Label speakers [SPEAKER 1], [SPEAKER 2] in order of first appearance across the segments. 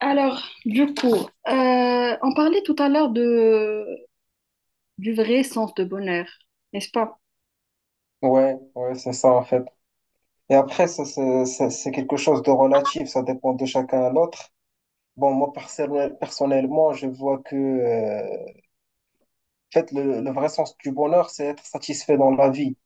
[SPEAKER 1] Alors, du coup, on parlait tout à l'heure de, du vrai sens de bonheur, n'est-ce pas?
[SPEAKER 2] Ouais, ouais, c'est ça en fait. Et après, ça, c'est quelque chose de relatif, ça dépend de chacun à l'autre. Bon, moi personnellement, je vois que en fait, le vrai sens du bonheur, c'est être satisfait dans la vie.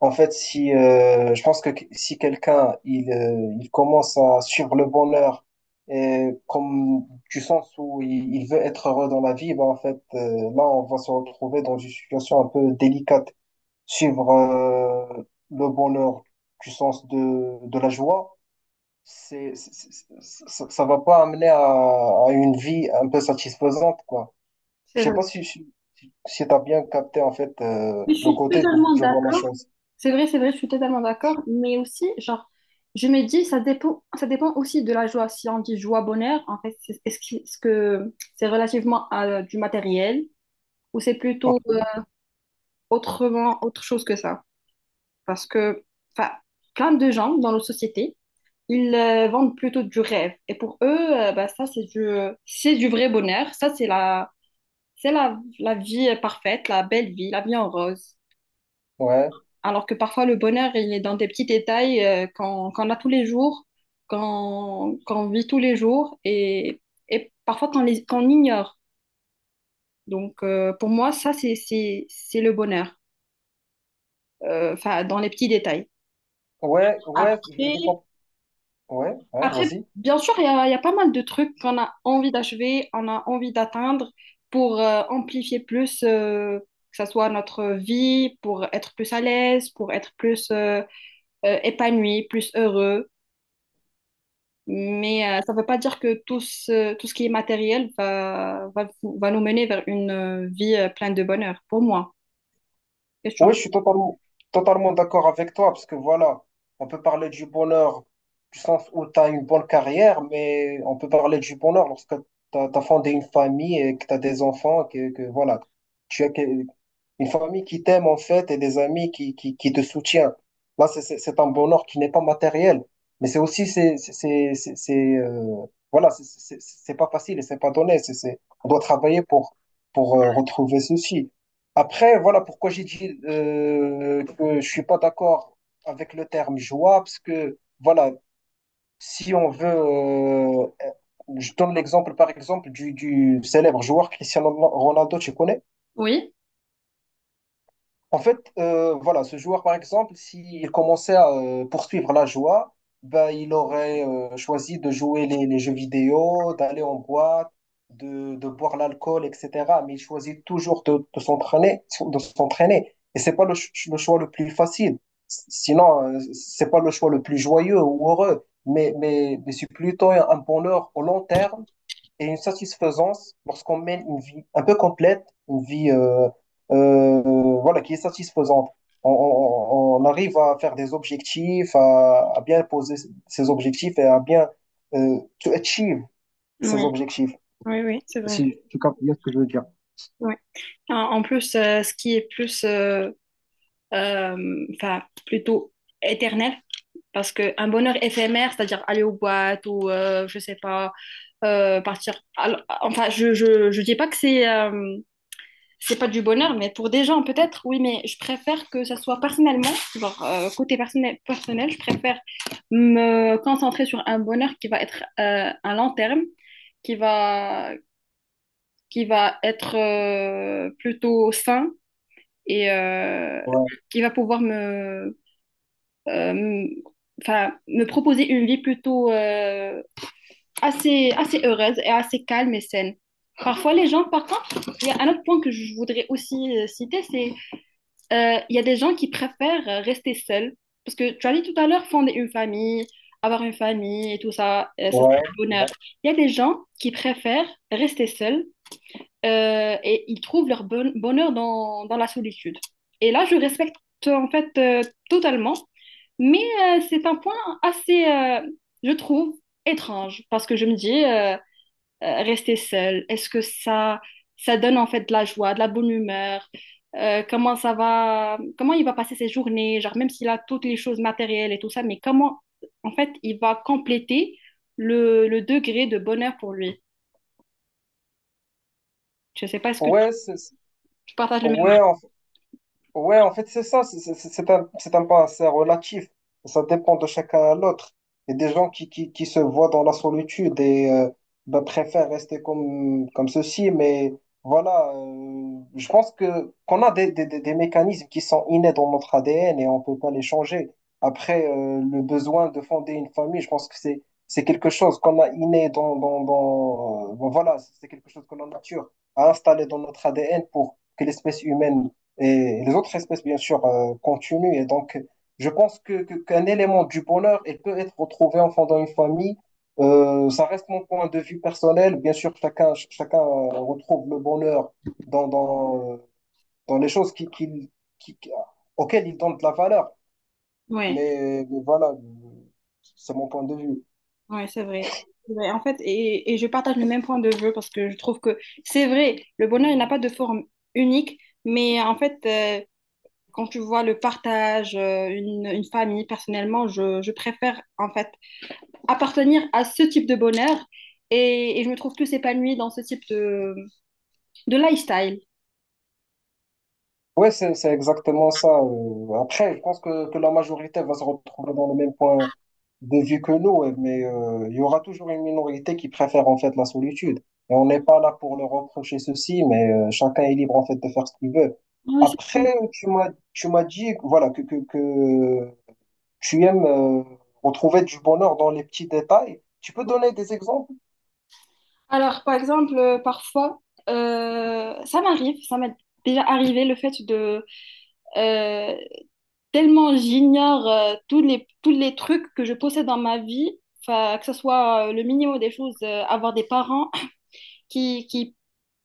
[SPEAKER 2] En fait, si je pense que si quelqu'un il commence à suivre le bonheur et comme du sens où il veut être heureux dans la vie, ben en fait, là, on va se retrouver dans une situation un peu délicate. Suivre le bonheur du sens de la joie, c'est, c'est- ça, ça va pas amener à une vie un peu satisfaisante, quoi. Je
[SPEAKER 1] C'est
[SPEAKER 2] sais
[SPEAKER 1] vrai.
[SPEAKER 2] pas si tu as bien capté, en fait,
[SPEAKER 1] Je
[SPEAKER 2] le
[SPEAKER 1] suis
[SPEAKER 2] côté d'où
[SPEAKER 1] totalement
[SPEAKER 2] je vois la
[SPEAKER 1] d'accord.
[SPEAKER 2] chose.
[SPEAKER 1] C'est vrai, je suis totalement d'accord. Mais aussi, genre, je me dis, ça dépend aussi de la joie. Si on dit joie, bonheur, en fait, est-ce que c'est relativement à du matériel ou c'est plutôt autrement, autre chose que ça? Parce que, enfin, plein de gens dans nos sociétés ils vendent plutôt du rêve. Et pour eux, bah, ça, c'est du vrai bonheur. Ça, c'est la, la vie parfaite, la belle vie, la vie en rose.
[SPEAKER 2] Ouais,
[SPEAKER 1] Alors que parfois, le bonheur, il est dans des petits détails qu'on a tous les jours, qu'on vit tous les jours et parfois qu'on ignore. Donc, pour moi, ça, c'est le bonheur, enfin, dans les petits détails.
[SPEAKER 2] ouais, ouais, je,
[SPEAKER 1] Après,
[SPEAKER 2] je comprends. Ouais, ouais,
[SPEAKER 1] Après,
[SPEAKER 2] vas-y.
[SPEAKER 1] bien sûr, il y a pas mal de trucs qu'on a envie d'achever, on a envie d'atteindre pour amplifier plus, que ça soit notre vie, pour être plus à l'aise, pour être plus épanoui, plus heureux. Mais ça ne veut pas dire que tout ce qui est matériel va nous mener vers une vie pleine de bonheur, pour moi. Qu'est-ce que tu en
[SPEAKER 2] Oui,
[SPEAKER 1] penses?
[SPEAKER 2] je suis totalement, totalement d'accord avec toi, parce que voilà, on peut parler du bonheur du sens où tu as une bonne carrière, mais on peut parler du bonheur lorsque tu as fondé une famille et que tu as des enfants, que voilà, tu as que- une famille qui t'aime en fait et des amis qui te soutiennent. Là, c'est un bonheur qui n'est pas matériel, mais c'est aussi, voilà, c'est pas facile et c'est pas donné, on doit travailler pour, pour retrouver ceci. Après, voilà pourquoi j'ai dit que je suis pas d'accord avec le terme joie, parce que voilà, si on veut, je donne l'exemple par exemple du célèbre joueur Cristiano Ronaldo, tu connais?
[SPEAKER 1] Oui,
[SPEAKER 2] En fait, voilà, ce joueur, par exemple, s'il commençait à poursuivre la joie, ben, il aurait choisi de jouer les jeux vidéo, d'aller en boîte, de boire l'alcool, etc. Mais il choisit toujours de s'entraîner. Et c'est pas le choix le plus facile. Sinon, c'est pas le choix le plus joyeux ou heureux. Mais c'est plutôt un bonheur au long terme et une satisfaisance lorsqu'on mène une vie un peu complète, une vie euh, voilà, qui est satisfaisante. On arrive à faire des objectifs, à bien poser ses objectifs et à bien to achieve
[SPEAKER 1] oui.
[SPEAKER 2] ses objectifs,
[SPEAKER 1] Oui, oui, c'est vrai.
[SPEAKER 2] si tu captes bien ce que je veux dire.
[SPEAKER 1] Oui. En, en plus, ce qui est plus, enfin, plutôt éternel. Parce qu'un bonheur éphémère, c'est-à-dire aller aux boîtes ou, je sais pas, partir. Alors, enfin, je dis pas que c'est pas du bonheur, mais pour des gens, peut-être, oui, mais je préfère que ça soit personnellement, genre côté personnel, personnel, je préfère me concentrer sur un bonheur qui va être à long terme, qui va, qui va être plutôt sain et
[SPEAKER 2] Ouais,
[SPEAKER 1] qui va pouvoir me, euh, enfin, me proposer une vie plutôt assez, assez heureuse et assez calme et saine. Parfois, les gens, par contre, il y a un autre point que je voudrais aussi citer, c'est il y a des gens qui préfèrent rester seuls. Parce que tu as dit tout à l'heure, fonder une famille, avoir une famille et tout ça, ça c'est
[SPEAKER 2] ouais,
[SPEAKER 1] le bonheur.
[SPEAKER 2] ouais.
[SPEAKER 1] Il y a des gens qui préfèrent rester seuls et ils trouvent leur bonheur dans, dans la solitude. Et là, je respecte en fait totalement, mais c'est un point assez, je trouve, étrange parce que je me dis, rester seul, est-ce que ça donne en fait de la joie, de la bonne humeur? Comment ça va, comment il va passer ses journées, genre même s'il a toutes les choses matérielles et tout ça, mais comment en fait il va compléter le degré de bonheur pour lui? Je sais pas, est-ce que
[SPEAKER 2] Ouais,
[SPEAKER 1] tu partages le même...
[SPEAKER 2] ouais, en ouais, en fait, c'est ça, c'est un pas assez relatif. Ça dépend de chacun à l'autre. Il y a des gens qui se voient dans la solitude et ben, préfèrent rester comme ceci, mais voilà, je pense que qu'on a des mécanismes qui sont innés dans notre ADN et on peut pas les changer. Après, le besoin de fonder une famille, je pense que c'est quelque chose qu'on a inné dans, dans, dans bon, voilà, c'est quelque chose que la nature a installé dans notre ADN pour que l'espèce humaine et les autres espèces, bien sûr, continuent. Et donc, je pense qu'un élément du bonheur, il peut être retrouvé en fondant une famille. Ça reste mon point de vue personnel. Bien sûr, chacun retrouve le bonheur dans, dans, euh, dans les choses qui auxquelles il donne de la valeur.
[SPEAKER 1] Ouais.
[SPEAKER 2] Mais voilà, c'est mon point de vue.
[SPEAKER 1] Ouais, c'est vrai. C'est vrai. En fait, et je partage le même point de vue parce que je trouve que c'est vrai, le bonheur, il n'a pas de forme unique, mais en fait, quand tu vois le partage, une famille, personnellement, je préfère en fait appartenir à ce type de bonheur et je me trouve plus épanouie dans ce type de lifestyle.
[SPEAKER 2] Ouais, c'est exactement ça. Après, je pense que la majorité va se retrouver dans le même point de vue que nous, ouais, mais il y aura toujours une minorité qui préfère en fait la solitude. Et on n'est pas là pour leur reprocher ceci, mais chacun est libre en fait de faire ce qu'il veut.
[SPEAKER 1] Oui, c'est vrai.
[SPEAKER 2] Après, tu m'as dit voilà, que tu aimes retrouver du bonheur dans les petits détails. Tu peux donner des exemples?
[SPEAKER 1] Alors, par exemple, parfois, ça m'arrive, ça m'est déjà arrivé le fait de, euh, tellement j'ignore tous les trucs que je possède dans ma vie, enfin, que ce soit le minimum des choses, avoir des parents qui,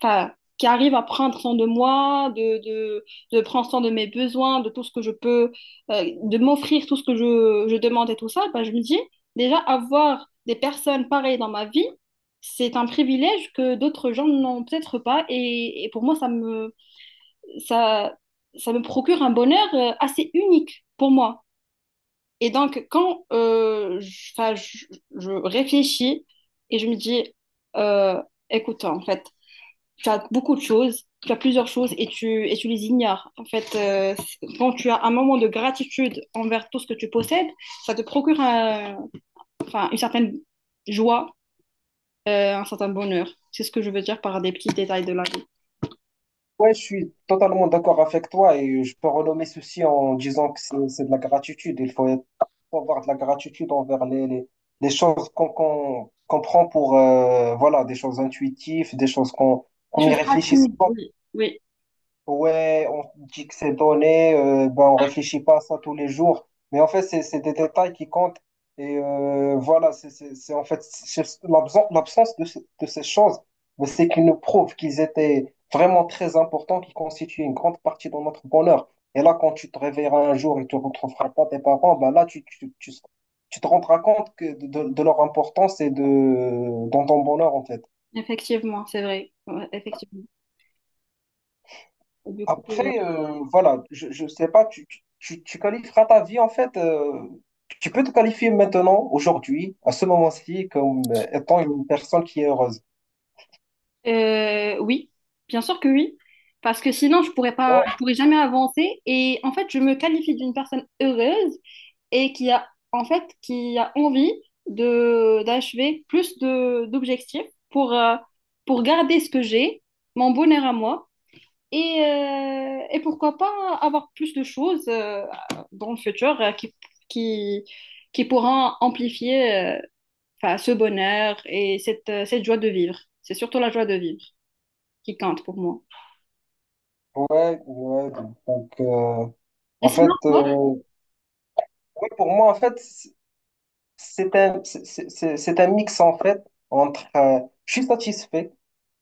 [SPEAKER 1] enfin, qui arrivent à prendre soin de moi, de prendre soin de mes besoins, de tout ce que je peux, de m'offrir tout ce que je demande et tout ça, ben, je me dis, déjà, avoir des personnes pareilles dans ma vie, c'est un privilège que d'autres gens n'ont peut-être pas. Et pour moi, ça me, ça, ça me procure un bonheur assez unique pour moi. Et donc, quand je réfléchis et je me dis, euh, écoute, en fait, tu as beaucoup de choses, tu as plusieurs choses et tu les ignores. En fait, quand tu as un moment de gratitude envers tout ce que tu possèdes, ça te procure enfin, une certaine joie, un certain bonheur. C'est ce que je veux dire par des petits détails de la vie.
[SPEAKER 2] Ouais, je suis totalement d'accord avec toi et je peux renommer ceci en disant que c'est de la gratitude. Il faut faut avoir de la gratitude envers les choses qu'on prend pour voilà, des choses intuitives, des choses qu'on
[SPEAKER 1] Des
[SPEAKER 2] qu'on n'y
[SPEAKER 1] choses
[SPEAKER 2] réfléchisse
[SPEAKER 1] rapides,
[SPEAKER 2] pas.
[SPEAKER 1] oui. Oui.
[SPEAKER 2] Ouais, on dit que c'est donné, ben on réfléchit pas à ça tous les jours. Mais en fait, c'est des détails qui comptent. Et voilà, c'est en fait c'est l'absence de ces choses, mais c'est qu'ils nous prouvent qu'ils étaient vraiment très importants, qui constituaient une grande partie de notre bonheur. Et là, quand tu te réveilleras un jour et tu retrouveras pas tes parents, ben là, tu te rendras compte que de leur importance et dans ton bonheur, en fait.
[SPEAKER 1] Effectivement, c'est vrai. Ouais, effectivement. Et du coup,
[SPEAKER 2] Après, voilà, je sais pas, tu qualifieras ta vie en fait. Tu peux te qualifier maintenant, aujourd'hui, à ce moment-ci, comme étant une personne qui est heureuse.
[SPEAKER 1] oui, bien sûr que oui, parce que sinon je pourrais pas,
[SPEAKER 2] Ouais,
[SPEAKER 1] je pourrais jamais avancer. Et en fait, je me qualifie d'une personne heureuse et qui a en fait qui a envie de d'achever plus de d'objectifs pour garder ce que j'ai, mon bonheur à moi, et pourquoi pas avoir plus de choses dans le futur qui qui pourront amplifier. Enfin, ce bonheur et cette, cette joie de vivre. C'est surtout la joie de vivre qui compte pour moi.
[SPEAKER 2] ouais. Ouais. Donc,
[SPEAKER 1] Et
[SPEAKER 2] en
[SPEAKER 1] sinon,
[SPEAKER 2] fait,
[SPEAKER 1] toi?
[SPEAKER 2] ouais, pour moi, en fait, c'est un mix en fait entre je suis satisfait,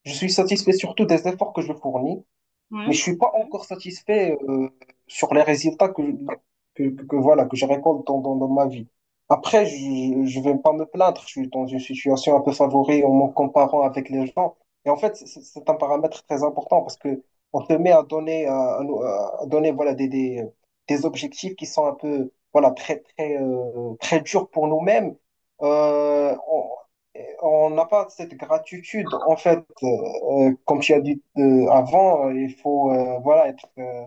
[SPEAKER 2] je suis satisfait surtout des efforts que je fournis. Mais
[SPEAKER 1] Ouais.
[SPEAKER 2] je suis pas encore satisfait sur les résultats que voilà que je récolte dans ma vie. Après, je vais pas me plaindre. Je suis dans une situation un peu favorée en me comparant avec les gens. Et en fait, c'est un paramètre très important parce que on te met à donner à donner voilà des objectifs qui sont un peu voilà très très très durs pour nous-mêmes. Euh, on on n'a pas cette gratitude en fait comme tu as dit avant, il faut voilà être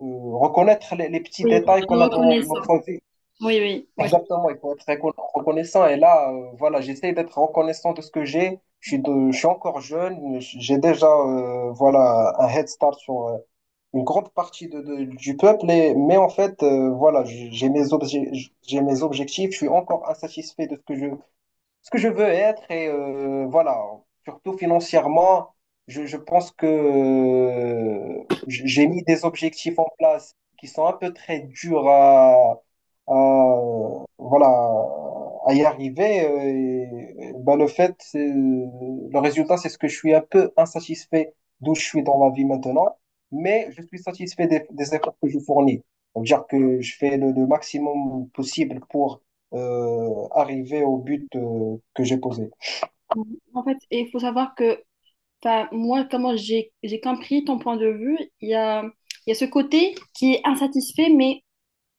[SPEAKER 2] euh, reconnaître les petits
[SPEAKER 1] Oui,
[SPEAKER 2] détails qu'on a dans
[SPEAKER 1] reconnaissant.
[SPEAKER 2] notre vie.
[SPEAKER 1] Oui, oui, oui.
[SPEAKER 2] Exactement, il faut être reconnaissant. Et là, voilà, j'essaie d'être reconnaissant de ce que j'ai. Je suis encore jeune. J'ai déjà voilà un head start sur une grande partie du peuple. Mais en fait, voilà, j'ai mes objectifs. Je suis encore insatisfait de ce que je veux être et voilà, surtout financièrement, je pense que j'ai mis des objectifs en place qui sont un peu très durs à, voilà, à y arriver. Et, ben, le résultat, c'est ce que je suis un peu insatisfait d'où je suis dans la vie maintenant, mais je suis satisfait des efforts que je fournis. Donc, dire que je fais le maximum possible pour arriver au but que j'ai posé.
[SPEAKER 1] En fait, il faut savoir que enfin, moi, comment j'ai compris ton point de vue, il y a ce côté qui est insatisfait, mais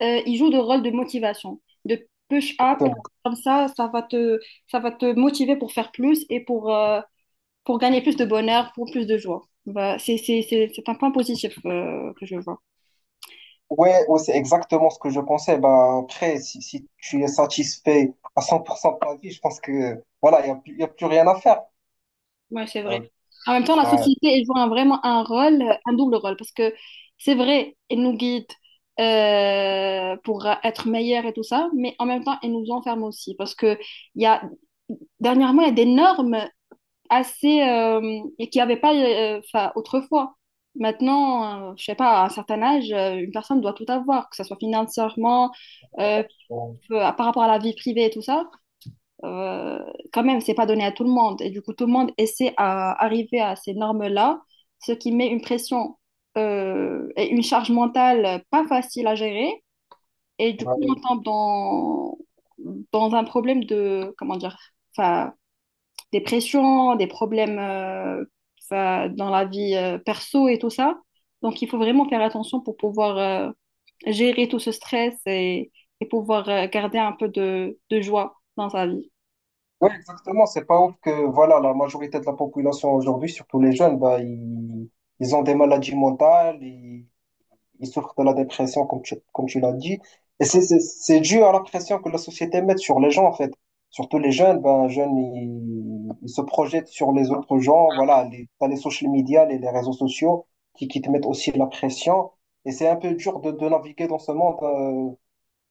[SPEAKER 1] il joue le rôle de motivation, de push-up.
[SPEAKER 2] Exactement.
[SPEAKER 1] Comme ça, ça va te motiver pour faire plus et pour gagner plus de bonheur, pour plus de joie. Bah, c'est un point positif que je vois.
[SPEAKER 2] Ouais, ouais, c'est exactement ce que je pensais. Bah, après, si tu es satisfait à 100% de ta vie, je pense que voilà, il n'y a, y a plus rien à faire.
[SPEAKER 1] Ouais, c'est vrai.
[SPEAKER 2] Euh,
[SPEAKER 1] En même temps, la société, elle joue vraiment un rôle, un double rôle, parce que c'est vrai, elle nous guide pour être meilleure et tout ça, mais en même temps, elle nous enferme aussi, parce que il y a, dernièrement, il y a des normes assez, et qu'il n'y avait pas enfin, autrefois. Maintenant, je sais pas, à un certain âge, une personne doit tout avoir, que ce soit financièrement, euh,
[SPEAKER 2] bah,
[SPEAKER 1] par rapport à la vie privée et tout ça, euh, quand même, c'est pas donné à tout le monde. Et du coup, tout le monde essaie à arriver à ces normes-là, ce qui met une pression et une charge mentale pas facile à gérer. Et du coup, on tombe dans, dans un problème de, comment dire, enfin, des pressions, des problèmes enfin, dans la vie perso et tout ça. Donc, il faut vraiment faire attention pour pouvoir gérer tout ce stress et pouvoir garder un peu de joie dans sa vie.
[SPEAKER 2] oui, exactement. C'est pas ouf que voilà, la majorité de la population aujourd'hui, surtout les jeunes, bah, ils ont des maladies mentales, ils souffrent de la dépression, comme tu l'as dit. Et c'est dû à la pression que la société met sur les gens, en fait. Surtout les jeunes, ben, les jeunes, ils se projettent sur les autres gens. Voilà, t'as les social media, les réseaux sociaux qui te mettent aussi la pression. Et c'est un peu dur de naviguer dans ce monde.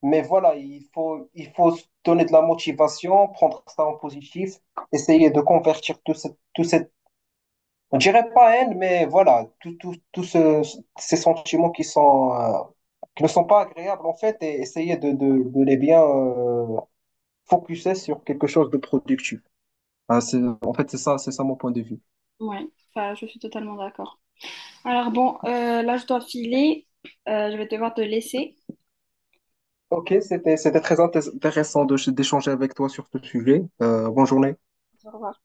[SPEAKER 2] Mais voilà, il faut se donner de la motivation, prendre ça en positif, essayer de convertir tout cette, on dirait pas haine, mais voilà, ces sentiments qui sont, qui ne sont pas agréables en fait, et essayer de les bien focuser sur quelque chose de productif. Ah, en fait, c'est ça mon point de vue.
[SPEAKER 1] Ouais, enfin, je suis totalement d'accord. Alors bon, là je dois filer. Je vais devoir te laisser.
[SPEAKER 2] Ok, c'était très intéressant d'échanger avec toi sur ce sujet. Bonne journée.
[SPEAKER 1] Au revoir.